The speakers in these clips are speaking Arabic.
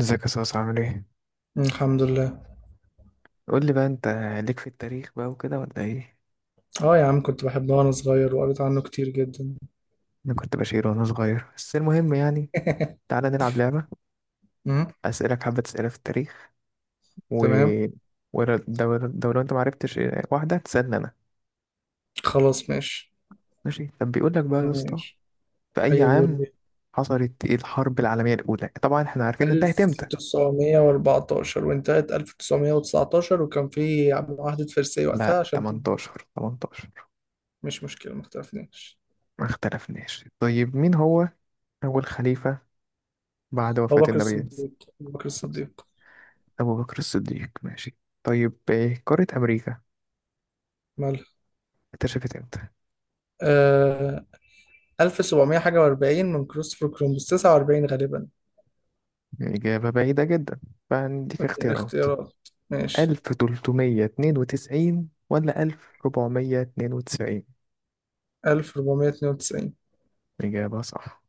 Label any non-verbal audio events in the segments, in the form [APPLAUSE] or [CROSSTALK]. ازيك يا صاصا؟ عامل ايه؟ الحمد لله. قول لي بقى انت، ليك في التاريخ بقى وكده ولا ايه؟ اه يا عم، كنت بحبها وانا صغير وقريت عنه كتير جدا. انا كنت بشير وانا صغير، بس المهم يعني. [LAUGHS] تعالى نلعب لعبة، مم، اسألك حبة اسئلة في التاريخ، و تمام. ولو لو لو انت معرفتش، واحدة تسألني انا. خلاص ماشي. ماشي، طب بيقول لك بقى يا اسطى، ماشي، في اي ايوه بيقول عام لي حصلت الحرب العالمية الأولى؟ طبعا احنا عارفين انتهت امتى. 1914، وانتهت 1919، وكان في معاهدة فرساي وقتها لا، عشان 18، 18. مش مشكلة، ما اختلفناش. ما اختلفناش. طيب، مين هو أول خليفة بعد أبو وفاة بكر النبي؟ الصديق أبو بكر الصديق. أبو بكر الصديق، ماشي. طيب، إيه قارة أمريكا مالها؟ اكتشفت إمتى؟ آه 1700 حاجة و40 من كريستوفر كولومبوس، 49 غالبا. إجابة بعيدة جدا. فعندك اختيارات، اختيارات، ماشي. 1392 ولا 1492؟ 1492. إجابة صح.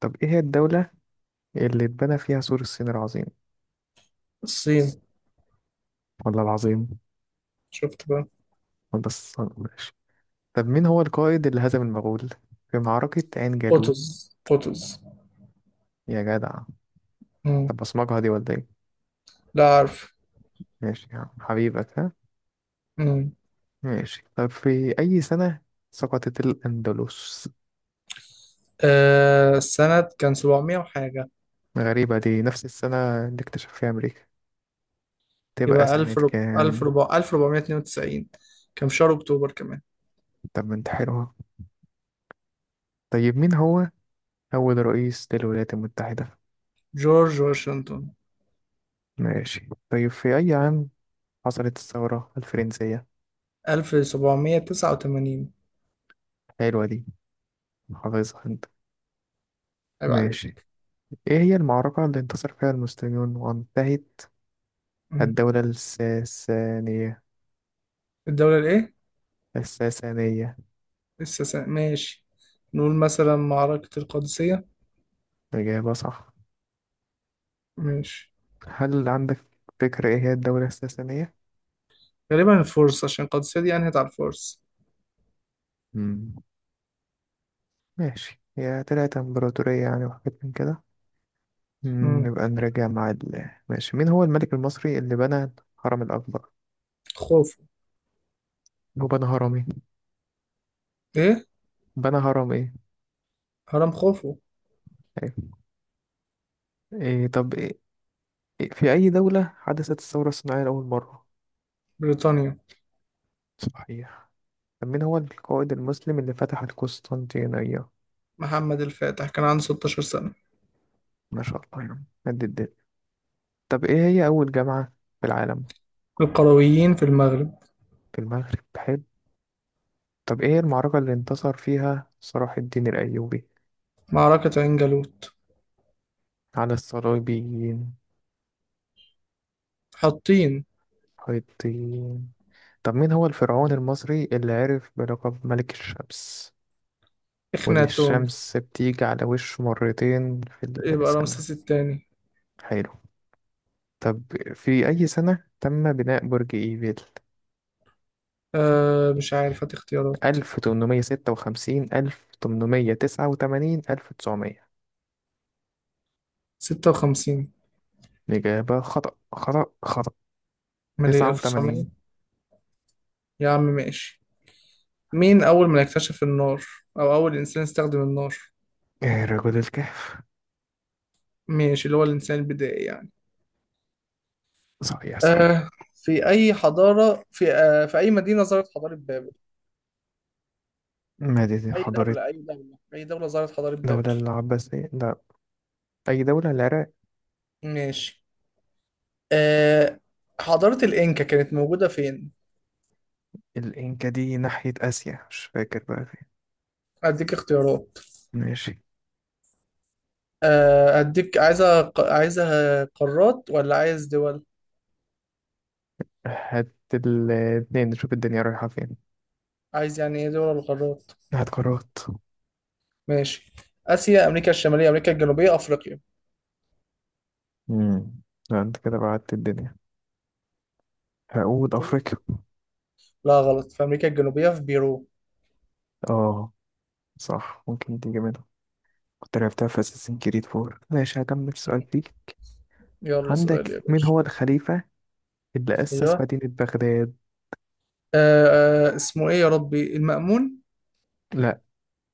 طب إيه هي الدولة اللي اتبنى فيها سور الصين العظيم؟ الصين. ولا العظيم؟ شفت بقى. ولا الصين؟ ماشي. طب مين هو القائد اللي هزم المغول في معركة عين جالوت؟ قطز. يا جدع. مم. طب بصمجها دي ولا إيه؟ لا عارف. ماشي يا عم، حبيبك، ها. مم. ماشي، طب في أي سنة سقطت الأندلس؟ آه، السنة كان 700 وحاجة. غريبة، دي نفس السنة اللي اكتشف فيها أمريكا، تبقى يبقى سنة 1000 رب... 1000 كام؟ ربع... 1492، كان في شهر أكتوبر كمان. طب ما انت حلوة. طيب مين هو أول رئيس للولايات المتحدة؟ جورج واشنطن. ماشي. طيب في أي عام حصلت الثورة الفرنسية؟ 1789. حلوة دي، حافظها انت. عيب ماشي، عليك. ايه هي المعركة اللي انتصر فيها المسلمون وانتهت مم. الدولة الساسانية؟ الدولة الإيه؟ الساسانية. لسه سنة. ماشي، نقول مثلا معركة القادسية. إجابة صح. ماشي. هل عندك فكرة ايه هي الدولة الساسانية؟ غالبا الفرس، عشان القادسية دي أنهت على الفرس. مم. ماشي، هي طلعت امبراطورية يعني وحاجات من كده. مم، مم. نبقى نراجع ماشي. مين هو الملك المصري اللي بنى الهرم الأكبر؟ خوفو. هو بنى هرم ايه؟ إيه؟ بنى هرم ايه؟ هرم خوفو. أيوة. إيه طب إيه؟ إيه في أي دولة حدثت الثورة الصناعية لأول مرة؟ بريطانيا. صحيح. طب مين هو القائد المسلم اللي فتح القسطنطينية؟ محمد الفاتح كان عنده 16 سنة. ما شاء الله، يعني قد الدنيا. طب ايه هي أول جامعة في العالم؟ القرويين في المغرب. في المغرب، حلو. طب ايه المعركة اللي انتصر فيها صلاح الدين الأيوبي معركة عين جالوت. على الصليبيين؟ حاطين. حيطين. طب مين هو الفرعون المصري اللي عرف بلقب ملك الشمس واللي إخناتون. الشمس بتيجي على وشه مرتين في يبقى السنة؟ رمسيس الثاني. حلو. طب في أي سنة تم بناء برج إيفيل؟ أه مش عارف، هات اختيارات. 1856، 1889، 1900. ستة وخمسين. الإجابة خطأ خطأ خطأ. مالي، ألف 89. وتسعمية. يا عم ماشي. مين أول من اكتشف النار، أو أول إنسان استخدم النار؟ رجل الكهف. ماشي، اللي هو الإنسان البدائي يعني. صحيح صحيح. أه. في أي مدينة ظهرت حضارة بابل؟ مدينة، أي حضارة. دولة أي دولة أي دولة ظهرت حضارة بابل؟ الدولة العباسية، لا. أي دولة؟ العراق. ماشي. أه. حضارة الإنكا كانت موجودة فين؟ الإنكا دي ناحية آسيا، مش فاكر بقى فين. أديك اختيارات. ماشي، آه، اديك عايزة قارات ولا عايز دول؟ هات الاتنين نشوف الدنيا رايحة فين. عايز يعني ايه دول القارات. هات قارات. ماشي. اسيا، امريكا الشمالية، امريكا الجنوبية، افريقيا. امم، لا انت كده بعدت الدنيا. هقول شوف. أفريقيا. لا غلط، في امريكا الجنوبية في بيرو. اه. صح، ممكن تيجي منها، كنت لعبتها في أساسين كريد فور. ماشي، هكمل السؤال فيك. يلا عندك، سؤال يا مين باشا. هو الخليفة اللي ايوه. أسس مدينة بغداد؟ اسمه ايه يا ربي؟ المأمون. لا،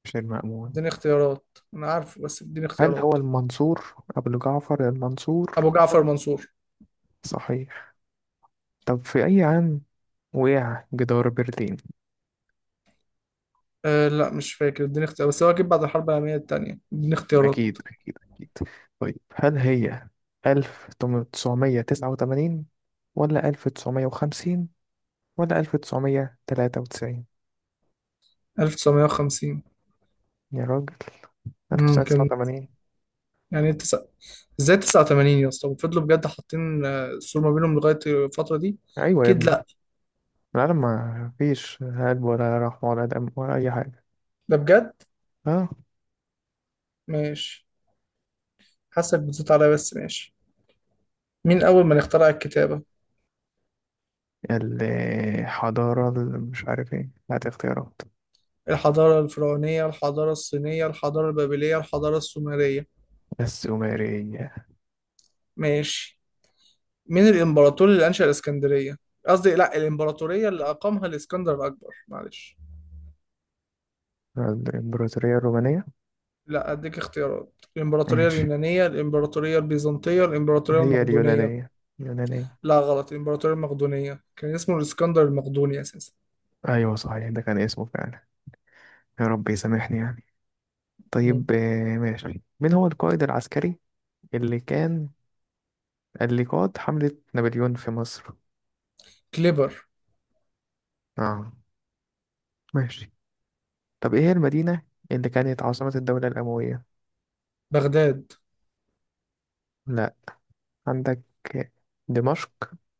مش المأمون. اديني اختيارات، انا عارفه بس اديني هل هو اختيارات. المنصور؟ أبو جعفر المنصور. ابو جعفر منصور. صحيح. طب في أي عام وقع جدار برلين؟ آه لا مش فاكر، اديني اختيارات، بس هو اكيد بعد الحرب العالمية التانية. اديني اختيارات. أكيد أكيد أكيد. طيب هل هي 1989 ولا 1950 ولا 1993؟ 1950. يا راجل. ممكن. 1989. يعني تسعة؟ ازاي 89 يا اسطى وفضلوا بجد حاطين السور ما بينهم لغاية الفترة دي؟ أيوة يا أكيد ابني، لأ. العالم ما فيش هلب ولا رحمة ولا دم ولا أي حاجة. ده بجد. ها. ماشي. حاسك بتزيد عليا بس ماشي. مين أول من اخترع الكتابة؟ الحضارة اللي مش عارف ايه، هات اختيارات. الحضارة الفرعونية، الحضارة الصينية، الحضارة البابلية، الحضارة السومرية. السومرية. ماشي. مين الإمبراطور اللي أنشأ الإسكندرية؟ قصدي لأ، الإمبراطورية اللي أقامها الإسكندر الأكبر، معلش. الإمبراطورية الرومانية. لأ أديك اختيارات: الإمبراطورية ماشي، اليونانية، الإمبراطورية البيزنطية، الإمبراطورية هي المقدونية. اليونانية، اليونانية. لا غلط، الإمبراطورية المقدونية، كان اسمه الإسكندر المقدوني أساسا. أيوة صحيح، ده كان اسمه فعلا، يا رب يسامحني يعني. مم. طيب ماشي. مين هو القائد العسكري اللي كان، اللي قاد حملة نابليون في مصر؟ كليبر. اه، ماشي. طب ايه هي المدينة اللي كانت عاصمة الدولة الأموية؟ بغداد. لا، عندك دمشق،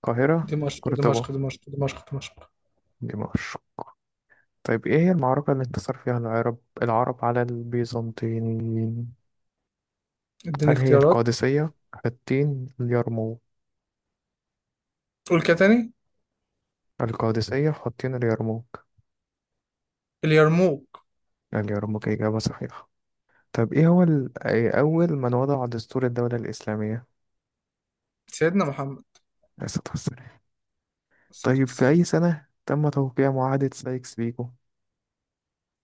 القاهرة، دمشق دمشق قرطبة. دمشق دمشق دمشق دمشق. طيب ايه هي المعركة اللي انتصر فيها العرب العرب على البيزنطيين؟ اديني هل هي اختيارات. القادسية، حطين، اليرموك؟ قول كده تاني. القادسية، حطين، اليرموك. اليرموك. اليرموك، إجابة صحيحة. طب ايه هو اول من وضع دستور الدولة الإسلامية؟ سيدنا محمد. عليه الصلاة والسلام. الصلاة طيب في والسلام. اي سنة تم توقيع معاهدة سايكس بيكو؟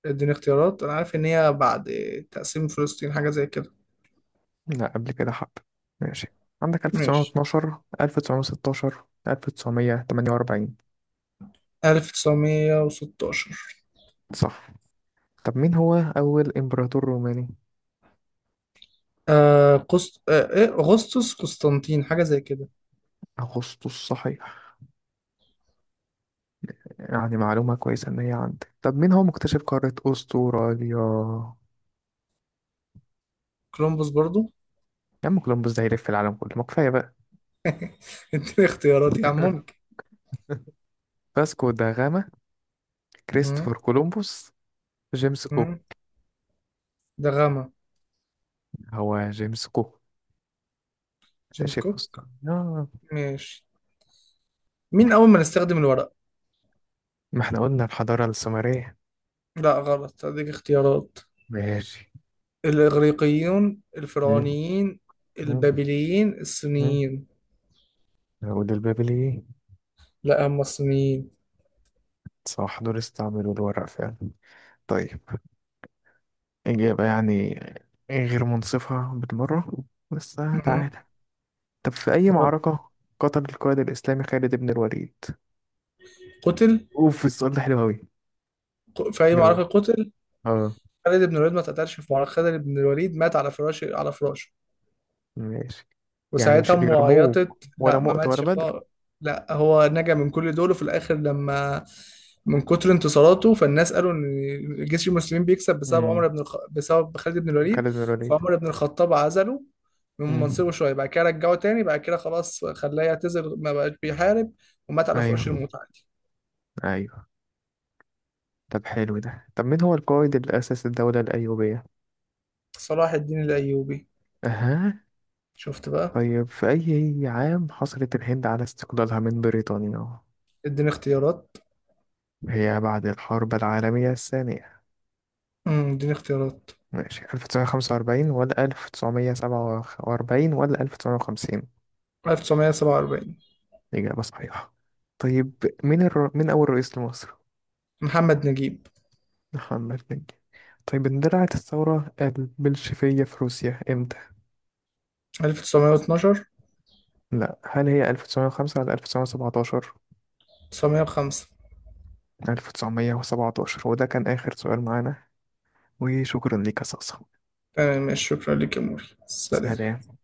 اديني اختيارات، أنا عارف إن هي بعد تقسيم فلسطين، حاجة زي كده. لا قبل كده، حب. ماشي، عندك ماشي. 1912، 1916، 1948. 1916. صح. طب مين هو أول إمبراطور روماني؟ آه قسط آه إيه أغسطس، قسطنطين، حاجة زي كده. أغسطس، صحيح. يعني معلومة كويسة إن هي عندك. طب مين هو مكتشف قارة أستراليا؟ كولومبوس برضو. يا عم كولومبوس ده يلف العالم كله، ما كفاية بقى. [LAUGHS] اديني اختيارات يا عم، [LAUGHS] ممكن. فاسكو دا غاما، كريستوفر مم. كولومبوس، جيمس كوك. مم. ده غامة. هو جيمس كوك جيمس اكتشف كوك. اصلا، آه. ماشي. مين أول ما نستخدم الورق؟ ما احنا قلنا الحضارة السومرية. لا غلط، هديك اختيارات. ماشي. الإغريقيون، مم. الفرعونيين، مم. البابليين، مم. الصينيين. العود البابلي. لا، هم الصينيين. صح، دول استعملوا الورق فعلا. طيب، إجابة يعني غير منصفة بالمرة، بس. مم. تعالى، طب في أي يلا. معركة قتل القائد الإسلامي خالد بن الوليد؟ قتل؟ أوف، السؤال ده حلو أوي. في أي جاوب. معركة قتل اه، خالد بن الوليد؟ ما اتقتلش في معركة، خالد بن الوليد مات على فراشه، على فراشه. ماشي. يعني مش وساعتها امه اليرموك عيطت، ولا لا ما مؤتة ولا ماتش بدر. خالص. لا هو نجا من كل دول، وفي الاخر لما من كتر انتصاراته، فالناس قالوا ان جيش المسلمين بيكسب بسبب امم. بسبب خالد بن الوليد. خالد بن الوليد. فعمر بن الخطاب عزله من امم. منصبه، شويه بعد كده رجعه تاني، بعد كده خلاص خلاه يعتزل، ما بقاش بيحارب. ومات على فراش أيوه، الموت عادي. أيوه. طب حلو ده. طب مين هو القائد اللي أسس الدولة الأيوبية؟ صلاح الدين الايوبي. أها. شفت بقى. طيب في أي عام حصلت الهند على استقلالها من بريطانيا؟ اديني اختيارات. هي بعد الحرب العالمية الثانية. امم، اديني اختيارات. ماشي، 1945 ولا 1947 ولا 1950؟ 1947. إجابة صحيحة. طيب، مين أول رئيس لمصر؟ محمد نجيب. محمد نجيب. طيب، اندلعت الثورة البلشفية في روسيا إمتى؟ 1912. لا، هل هي 1905 ولا 1917؟ 905. 1917، وده كان آخر سؤال معانا. وشكرا ليك يا صاصة، تمام، شكرا لك يا موري، سلام. سلام.